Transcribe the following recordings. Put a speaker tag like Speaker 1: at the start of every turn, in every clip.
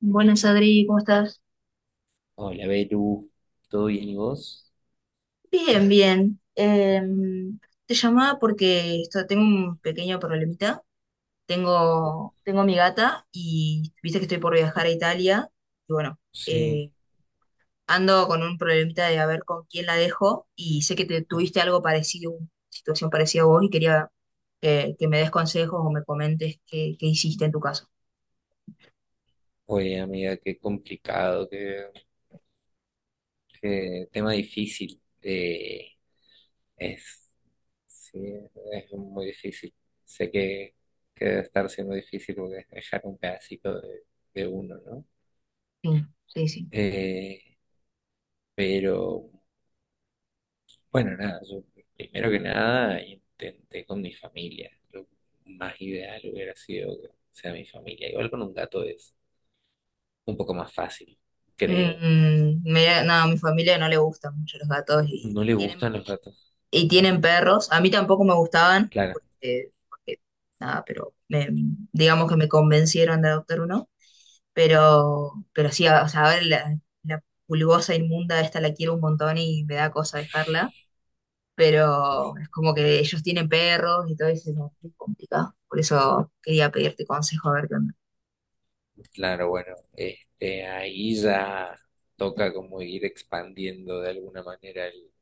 Speaker 1: Buenas, Adri, ¿cómo estás?
Speaker 2: Hola, Beru, ¿todo bien y vos?
Speaker 1: Bien, bien. Te llamaba porque tengo un pequeño problemita. Tengo a mi gata y viste que estoy por viajar a Italia. Y bueno,
Speaker 2: Sí.
Speaker 1: eh, ando con un problemita de a ver con quién la dejo. Y sé que te tuviste algo parecido, una situación parecida a vos, y quería que me des consejos o me comentes qué hiciste en tu caso.
Speaker 2: Oye, amiga, qué complicado, qué tema difícil. Es, sí, es muy difícil. Sé que, que debe estar siendo difícil porque es dejar un pedacito de uno, ¿no?
Speaker 1: Sí, sí, sí.
Speaker 2: Eh, pero, bueno, nada, yo primero que nada intenté con mi familia. Lo más ideal hubiera sido que sea mi familia. Igual con un gato es un poco más fácil, creo.
Speaker 1: No, a mi familia no le gustan mucho los gatos
Speaker 2: No le gustan los gatos.
Speaker 1: y tienen perros. A mí tampoco me gustaban,
Speaker 2: Claro,
Speaker 1: porque nada, pero digamos que me convencieron de adoptar uno. Pero sí, o sea, ahora la pulgosa inmunda esta la quiero un montón y me da cosa dejarla.
Speaker 2: es-
Speaker 1: Pero es como que ellos tienen perros y todo eso no, es complicado. Por eso quería pedirte consejo a ver qué onda.
Speaker 2: claro, bueno, este, ahí ya toca como ir expandiendo de alguna manera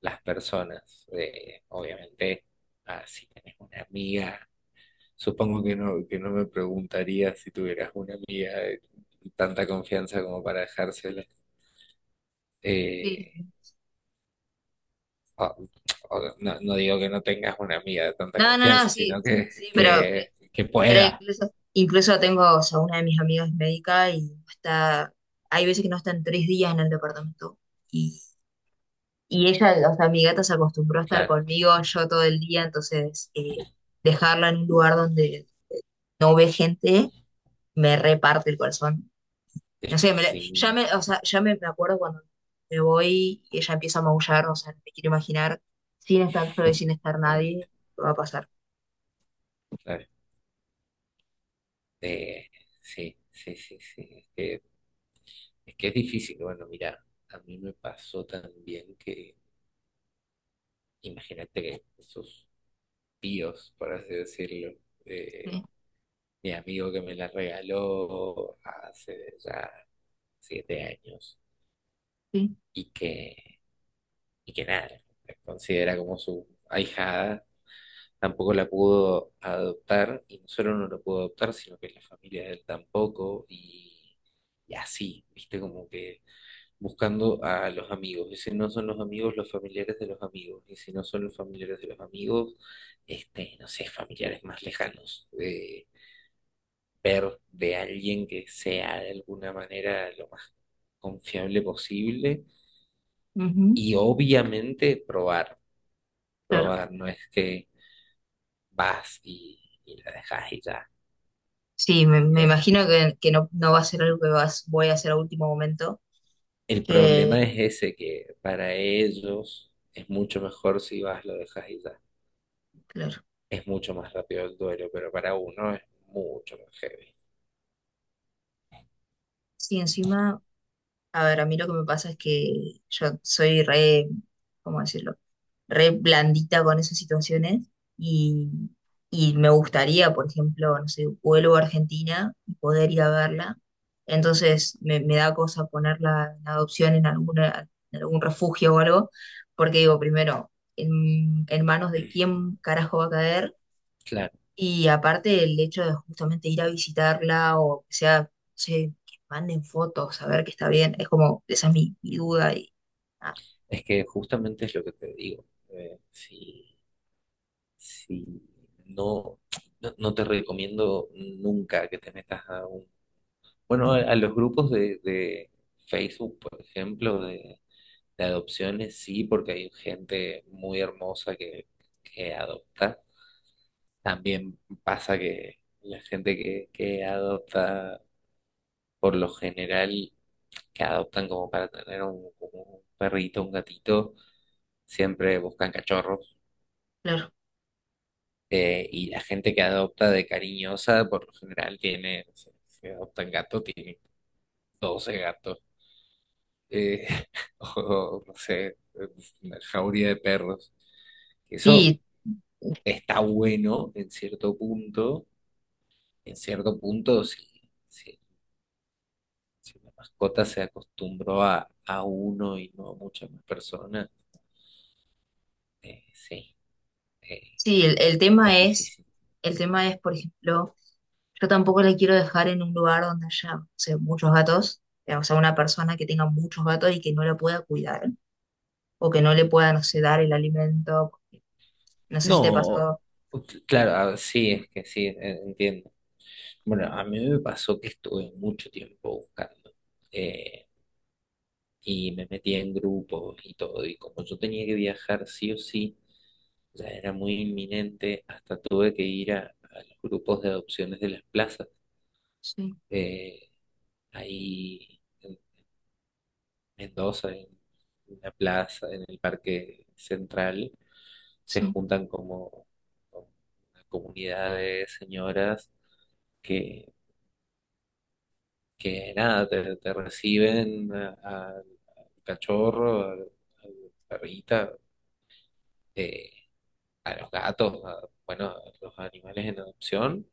Speaker 2: las personas. Obviamente, si tenés una amiga, supongo que no me preguntaría si tuvieras una amiga de tanta confianza como para dejársela.
Speaker 1: Sí.
Speaker 2: Eh, o- o no, no digo que no tengas una amiga de tanta
Speaker 1: No, no, no,
Speaker 2: confianza,
Speaker 1: sí,
Speaker 2: sino
Speaker 1: sí, pero,
Speaker 2: que
Speaker 1: Pero
Speaker 2: pueda.
Speaker 1: incluso, incluso tengo, o sea, una de mis amigas es médica y está, hay veces que no están tres días en el departamento. Y, y ella, o sea, mi gata se acostumbró a estar
Speaker 2: Claro,
Speaker 1: conmigo yo todo el día, entonces dejarla en un lugar donde no ve gente me reparte el corazón.
Speaker 2: es
Speaker 1: No
Speaker 2: que
Speaker 1: sé, ya
Speaker 2: sí.
Speaker 1: o sea, ya me acuerdo cuando me voy y ella empieza a maullar, o sea, no me quiero imaginar sin estar solo y sin estar nadie, lo que va a pasar.
Speaker 2: Claro. Eh, sí, sí, sí, sí. Es que es difícil. Bueno, mira, a mí me pasó también que, imagínate que esos tíos, por así decirlo, de
Speaker 1: Sí,
Speaker 2: mi amigo que me la regaló hace ya siete años
Speaker 1: sí,
Speaker 2: y que, y que nada, la considera como su ahijada, tampoco la pudo adoptar y no solo no la pudo adoptar, sino que la familia de él tampoco y así, viste, como que buscando a los amigos. Y si no son los amigos, los familiares de los amigos. Y si no son los familiares de los amigos, este, no sé, familiares más lejanos. Ver de alguien que sea de alguna manera lo más confiable posible.
Speaker 1: ujú,
Speaker 2: Y obviamente
Speaker 1: claro.
Speaker 2: probar, no es que vas y, y la dejas y ya.
Speaker 1: Sí, me
Speaker 2: Eh,
Speaker 1: imagino que no, no va a ser algo que vas, voy a hacer a último momento.
Speaker 2: el
Speaker 1: Que,
Speaker 2: problema es ese, que para ellos es mucho mejor si vas, lo dejas y ya.
Speaker 1: claro.
Speaker 2: Es mucho más rápido el duelo, pero para uno es mucho más heavy.
Speaker 1: Sí, encima, a ver, a mí lo que me pasa es que yo soy re, ¿cómo decirlo? Re blandita con esas situaciones y, y me gustaría, por ejemplo, no sé, vuelvo a Argentina y poder ir a verla. Entonces me da cosa ponerla en adopción en alguna, en algún refugio o algo, porque digo, primero, en manos de quién carajo va a caer.
Speaker 2: Claro,
Speaker 1: Y aparte el hecho de justamente ir a visitarla o que sea, no sé, que manden fotos, a ver que está bien, es como, esa es mi duda y ah,
Speaker 2: es que justamente es lo que te digo. Si, si no, no te recomiendo nunca que te metas a un... Bueno, a los grupos de Facebook, por ejemplo, de adopciones, sí, porque hay gente muy hermosa que adopta. También pasa que la gente que adopta, por lo general, que adoptan como para tener un, como un perrito, un gatito, siempre buscan cachorros.
Speaker 1: claro.
Speaker 2: Y la gente que adopta de cariñosa, por lo general, tiene, no sé, si adoptan gato, tiene 12 gatos, eh, o no sé, una jauría de perros. Eso
Speaker 1: Y
Speaker 2: está bueno en cierto punto, si, si la mascota se acostumbró a uno y no a muchas más personas, eh, sí, eh,
Speaker 1: sí,
Speaker 2: es difícil.
Speaker 1: el tema es, por ejemplo, yo tampoco la quiero dejar en un lugar donde haya, no sé, muchos gatos, o sea, una persona que tenga muchos gatos y que no la pueda cuidar, o que no le pueda, no sé, dar el alimento, no sé si te
Speaker 2: No,
Speaker 1: pasó.
Speaker 2: ok, claro, sí, es que sí, entiendo. Bueno, a mí me pasó que estuve mucho tiempo buscando eh, y me metía en grupos y todo, y como yo tenía que viajar sí o sí, ya era muy inminente, hasta tuve que ir a los grupos de adopciones de las plazas,
Speaker 1: Sí,
Speaker 2: eh, ahí en Mendoza, en una plaza, en el Parque Central, se
Speaker 1: sí,
Speaker 2: juntan como una comunidad de señoras que, que nada, te reciben al cachorro, a la perrita, eh, a los gatos, a- bueno, a los animales en adopción.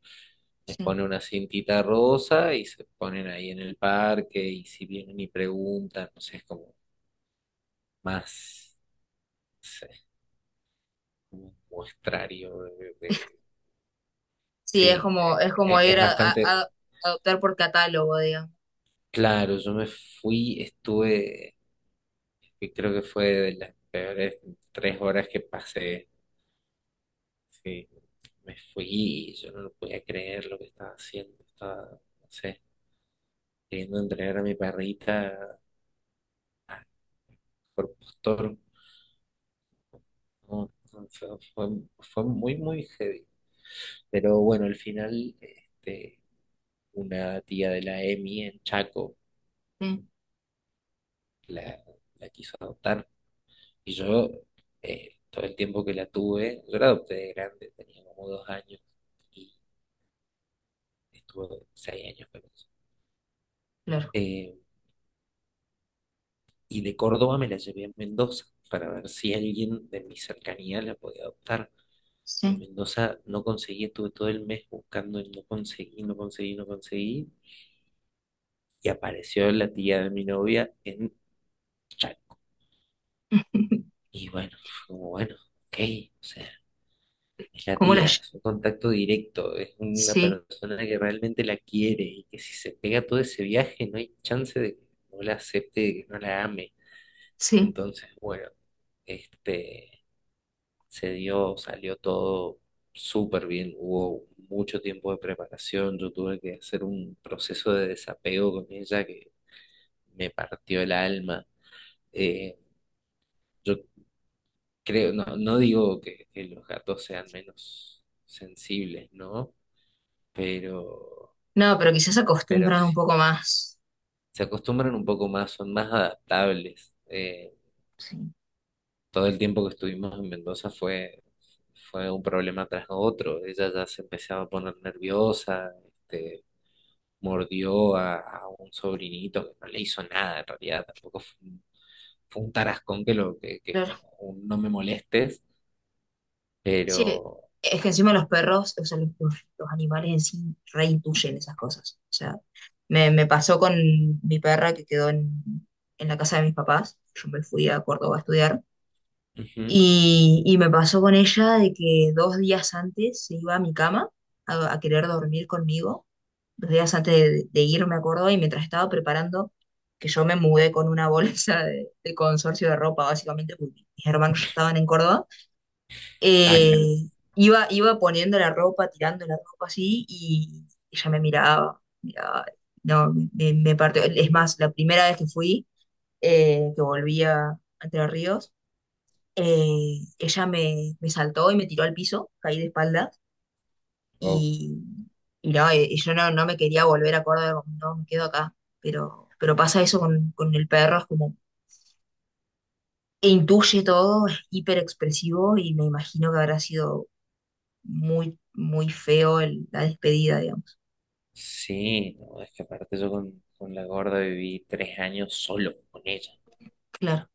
Speaker 2: Les
Speaker 1: sí.
Speaker 2: pone una cintita rosa y se ponen ahí en el parque y si vienen y preguntan, no sé, es como más, no sé, como un muestrario
Speaker 1: Sí, es
Speaker 2: Sí,
Speaker 1: como, es como ir
Speaker 2: es
Speaker 1: a,
Speaker 2: bastante
Speaker 1: a- a adoptar por catálogo, digamos.
Speaker 2: claro. Yo me fui, estuve, y creo que fue de las peores tres horas que pasé. Sí, me fui, yo no lo podía creer lo que estaba haciendo, estaba, no sé, queriendo entregar a mi perrita por postor, no, no, fue- fue muy, muy heavy. Pero bueno, al final, este, una tía de la EMI en Chaco la, la quiso adoptar y yo, todo el tiempo que la tuve, yo la adopté de grande, tenía como dos años y estuve seis años con ella.
Speaker 1: Claro,
Speaker 2: Eh, y de Córdoba me la llevé a Mendoza para ver si alguien de mi cercanía la podía adoptar. En
Speaker 1: sí.
Speaker 2: Mendoza no conseguí, estuve todo el mes buscando y no conseguí, no conseguí, no conseguí. Y apareció la tía de mi novia en Chaco. Y bueno, fue como bueno, ok, o sea, es la
Speaker 1: ¿Cómo la
Speaker 2: tía, es
Speaker 1: llevo?
Speaker 2: un contacto directo, es una
Speaker 1: Sí,
Speaker 2: persona que realmente la quiere y que si se pega todo ese viaje no hay chance de que no la acepte, de que no la ame.
Speaker 1: sí.
Speaker 2: Entonces, bueno, este... se dio, salió todo súper bien, hubo mucho tiempo de preparación, yo tuve que hacer un proceso de desapego con ella que me partió el alma. Eh, yo creo, no, no digo que los gatos sean menos sensibles, ¿no? Pero,
Speaker 1: No, pero quizás
Speaker 2: pero
Speaker 1: acostumbran un
Speaker 2: sí,
Speaker 1: poco más.
Speaker 2: se acostumbran un poco más, son más adaptables.
Speaker 1: Sí,
Speaker 2: Todo el tiempo que estuvimos en Mendoza fue... Fue un problema tras otro. Ella ya se empezaba a poner nerviosa, este, mordió a un sobrinito que no le hizo nada en realidad, tampoco fue un tarascón que lo que
Speaker 1: claro.
Speaker 2: como un no me molestes,
Speaker 1: Sí,
Speaker 2: pero
Speaker 1: es que encima los perros, o sea, los animales en sí reintuyen esas cosas. O sea, me pasó con mi perra que quedó en la casa de mis papás. Yo me fui a Córdoba a estudiar.
Speaker 2: ujú.
Speaker 1: Y me pasó con ella de que dos días antes se iba a mi cama a querer dormir conmigo. Dos días antes de ir, me acuerdo, y mientras estaba preparando, que yo me mudé con una bolsa de consorcio de ropa, básicamente, porque mis hermanos ya estaban en Córdoba,
Speaker 2: Ah, claro.
Speaker 1: eh, iba poniendo la ropa, tirando la ropa así, y ella me miraba, no, me partió. Es más, la primera vez que fui, que volví a Entre Ríos, ella me saltó y me tiró al piso, caí de espalda
Speaker 2: Oh,
Speaker 1: y, y yo no, no me quería volver a Córdoba, como, no, me quedo acá, pero pasa eso con el perro, es como, e intuye todo, es hiper expresivo y me imagino que habrá sido muy, muy feo la despedida, digamos.
Speaker 2: sí, no, es que aparte yo con la gorda viví tres años solo con ella.
Speaker 1: Claro,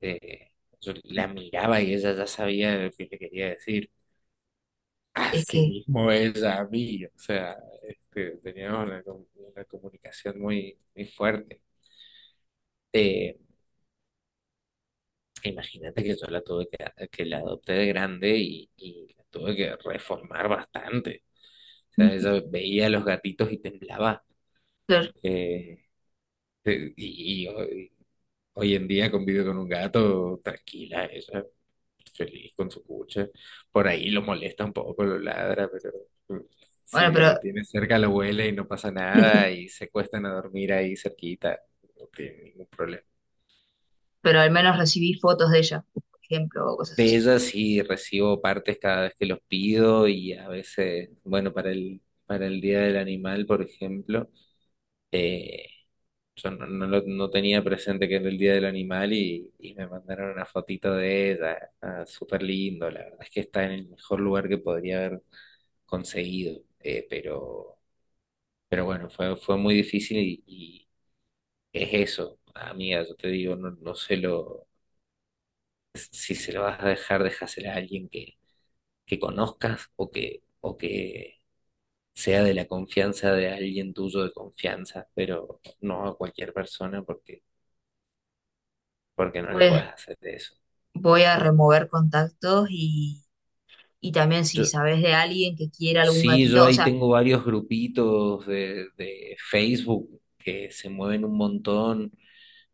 Speaker 2: Eh, yo la miraba y ella ya sabía lo que le quería decir.
Speaker 1: es
Speaker 2: Así
Speaker 1: que,
Speaker 2: mismo ella a mí, o sea, este, teníamos una, com- una comunicación muy, muy fuerte. Eh, Imagínate que yo la tuve que la adopté de grande y la tuve que reformar bastante. O sea, yo veía a los gatitos y temblaba.
Speaker 1: claro,
Speaker 2: Eh, y hoy en día convive con un gato tranquila, ella, feliz con su cucha. Por ahí lo molesta un poco, lo ladra, pero eh,
Speaker 1: bueno,
Speaker 2: si
Speaker 1: pero,
Speaker 2: lo tiene cerca lo huele y no pasa nada y se cuestan a dormir ahí cerquita. No tiene ningún problema.
Speaker 1: pero al menos recibí fotos de ella, por ejemplo, o cosas
Speaker 2: De
Speaker 1: así.
Speaker 2: ellas sí recibo partes cada vez que los pido y a veces, bueno, para el Día del Animal, por ejemplo, eh, yo no, no tenía presente que era el Día del Animal y me mandaron una fotito de ella, ah, súper lindo, la verdad es que está en el mejor lugar que podría haber conseguido, pero bueno, fue muy difícil y es eso, amiga, yo te digo, no, si se lo vas a dejar, déjasela a alguien que conozcas o o que sea de la confianza de alguien tuyo de confianza, pero no a cualquier persona porque no le
Speaker 1: Voy,
Speaker 2: puedes hacer eso.
Speaker 1: voy a remover contactos y también si
Speaker 2: Yo,
Speaker 1: sabes de alguien que quiera algún
Speaker 2: sí, yo
Speaker 1: gatito, o
Speaker 2: ahí
Speaker 1: sea,
Speaker 2: tengo varios grupitos de Facebook que se mueven un montón,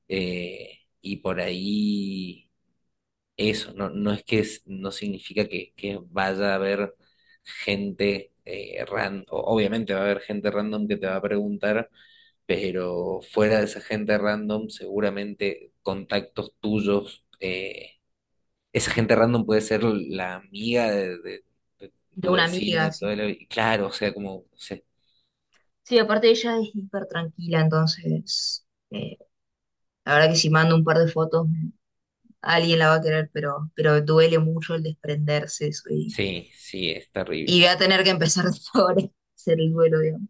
Speaker 2: y por ahí eso, no, no es que no significa que vaya a haber gente random, obviamente va a haber gente random que te va a preguntar, pero fuera de esa gente random, seguramente contactos tuyos, esa gente random puede ser la amiga de
Speaker 1: de
Speaker 2: tu
Speaker 1: una
Speaker 2: vecina de
Speaker 1: amiga, si
Speaker 2: toda la vida. Claro, o sea, como, o sea,
Speaker 1: sí, aparte ella es hiper tranquila, entonces eh, la verdad que si mando un par de fotos alguien la va a querer, pero duele mucho el desprenderse eso
Speaker 2: sí, sí, es
Speaker 1: y voy
Speaker 2: terrible.
Speaker 1: a tener que empezar de ahora a hacer el duelo, digamos.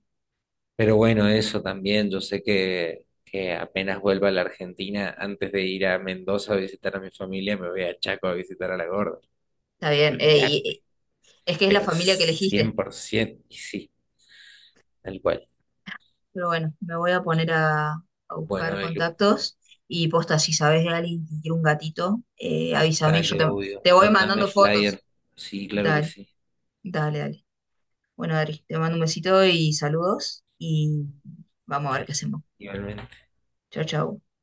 Speaker 2: Pero bueno, eso también, yo sé que apenas vuelva a la Argentina, antes de ir a Mendoza a visitar a mi familia, me voy a Chaco a visitar a la gorda.
Speaker 1: Está bien,
Speaker 2: Olvidarte,
Speaker 1: es que es la
Speaker 2: pero
Speaker 1: familia que elegiste,
Speaker 2: 100%, y sí, tal cual.
Speaker 1: pero bueno, me voy a poner a buscar
Speaker 2: Bueno, Elu,
Speaker 1: contactos y posta, si sabes de alguien que quiere un gatito, avísame,
Speaker 2: dale, obvio,
Speaker 1: te voy
Speaker 2: mándame
Speaker 1: mandando fotos.
Speaker 2: flyer. Sí, claro que
Speaker 1: Dale,
Speaker 2: sí,
Speaker 1: dale, dale. Bueno, Adri, te mando un besito y saludos y vamos a ver qué
Speaker 2: dale,
Speaker 1: hacemos.
Speaker 2: igualmente.
Speaker 1: Chao, chao.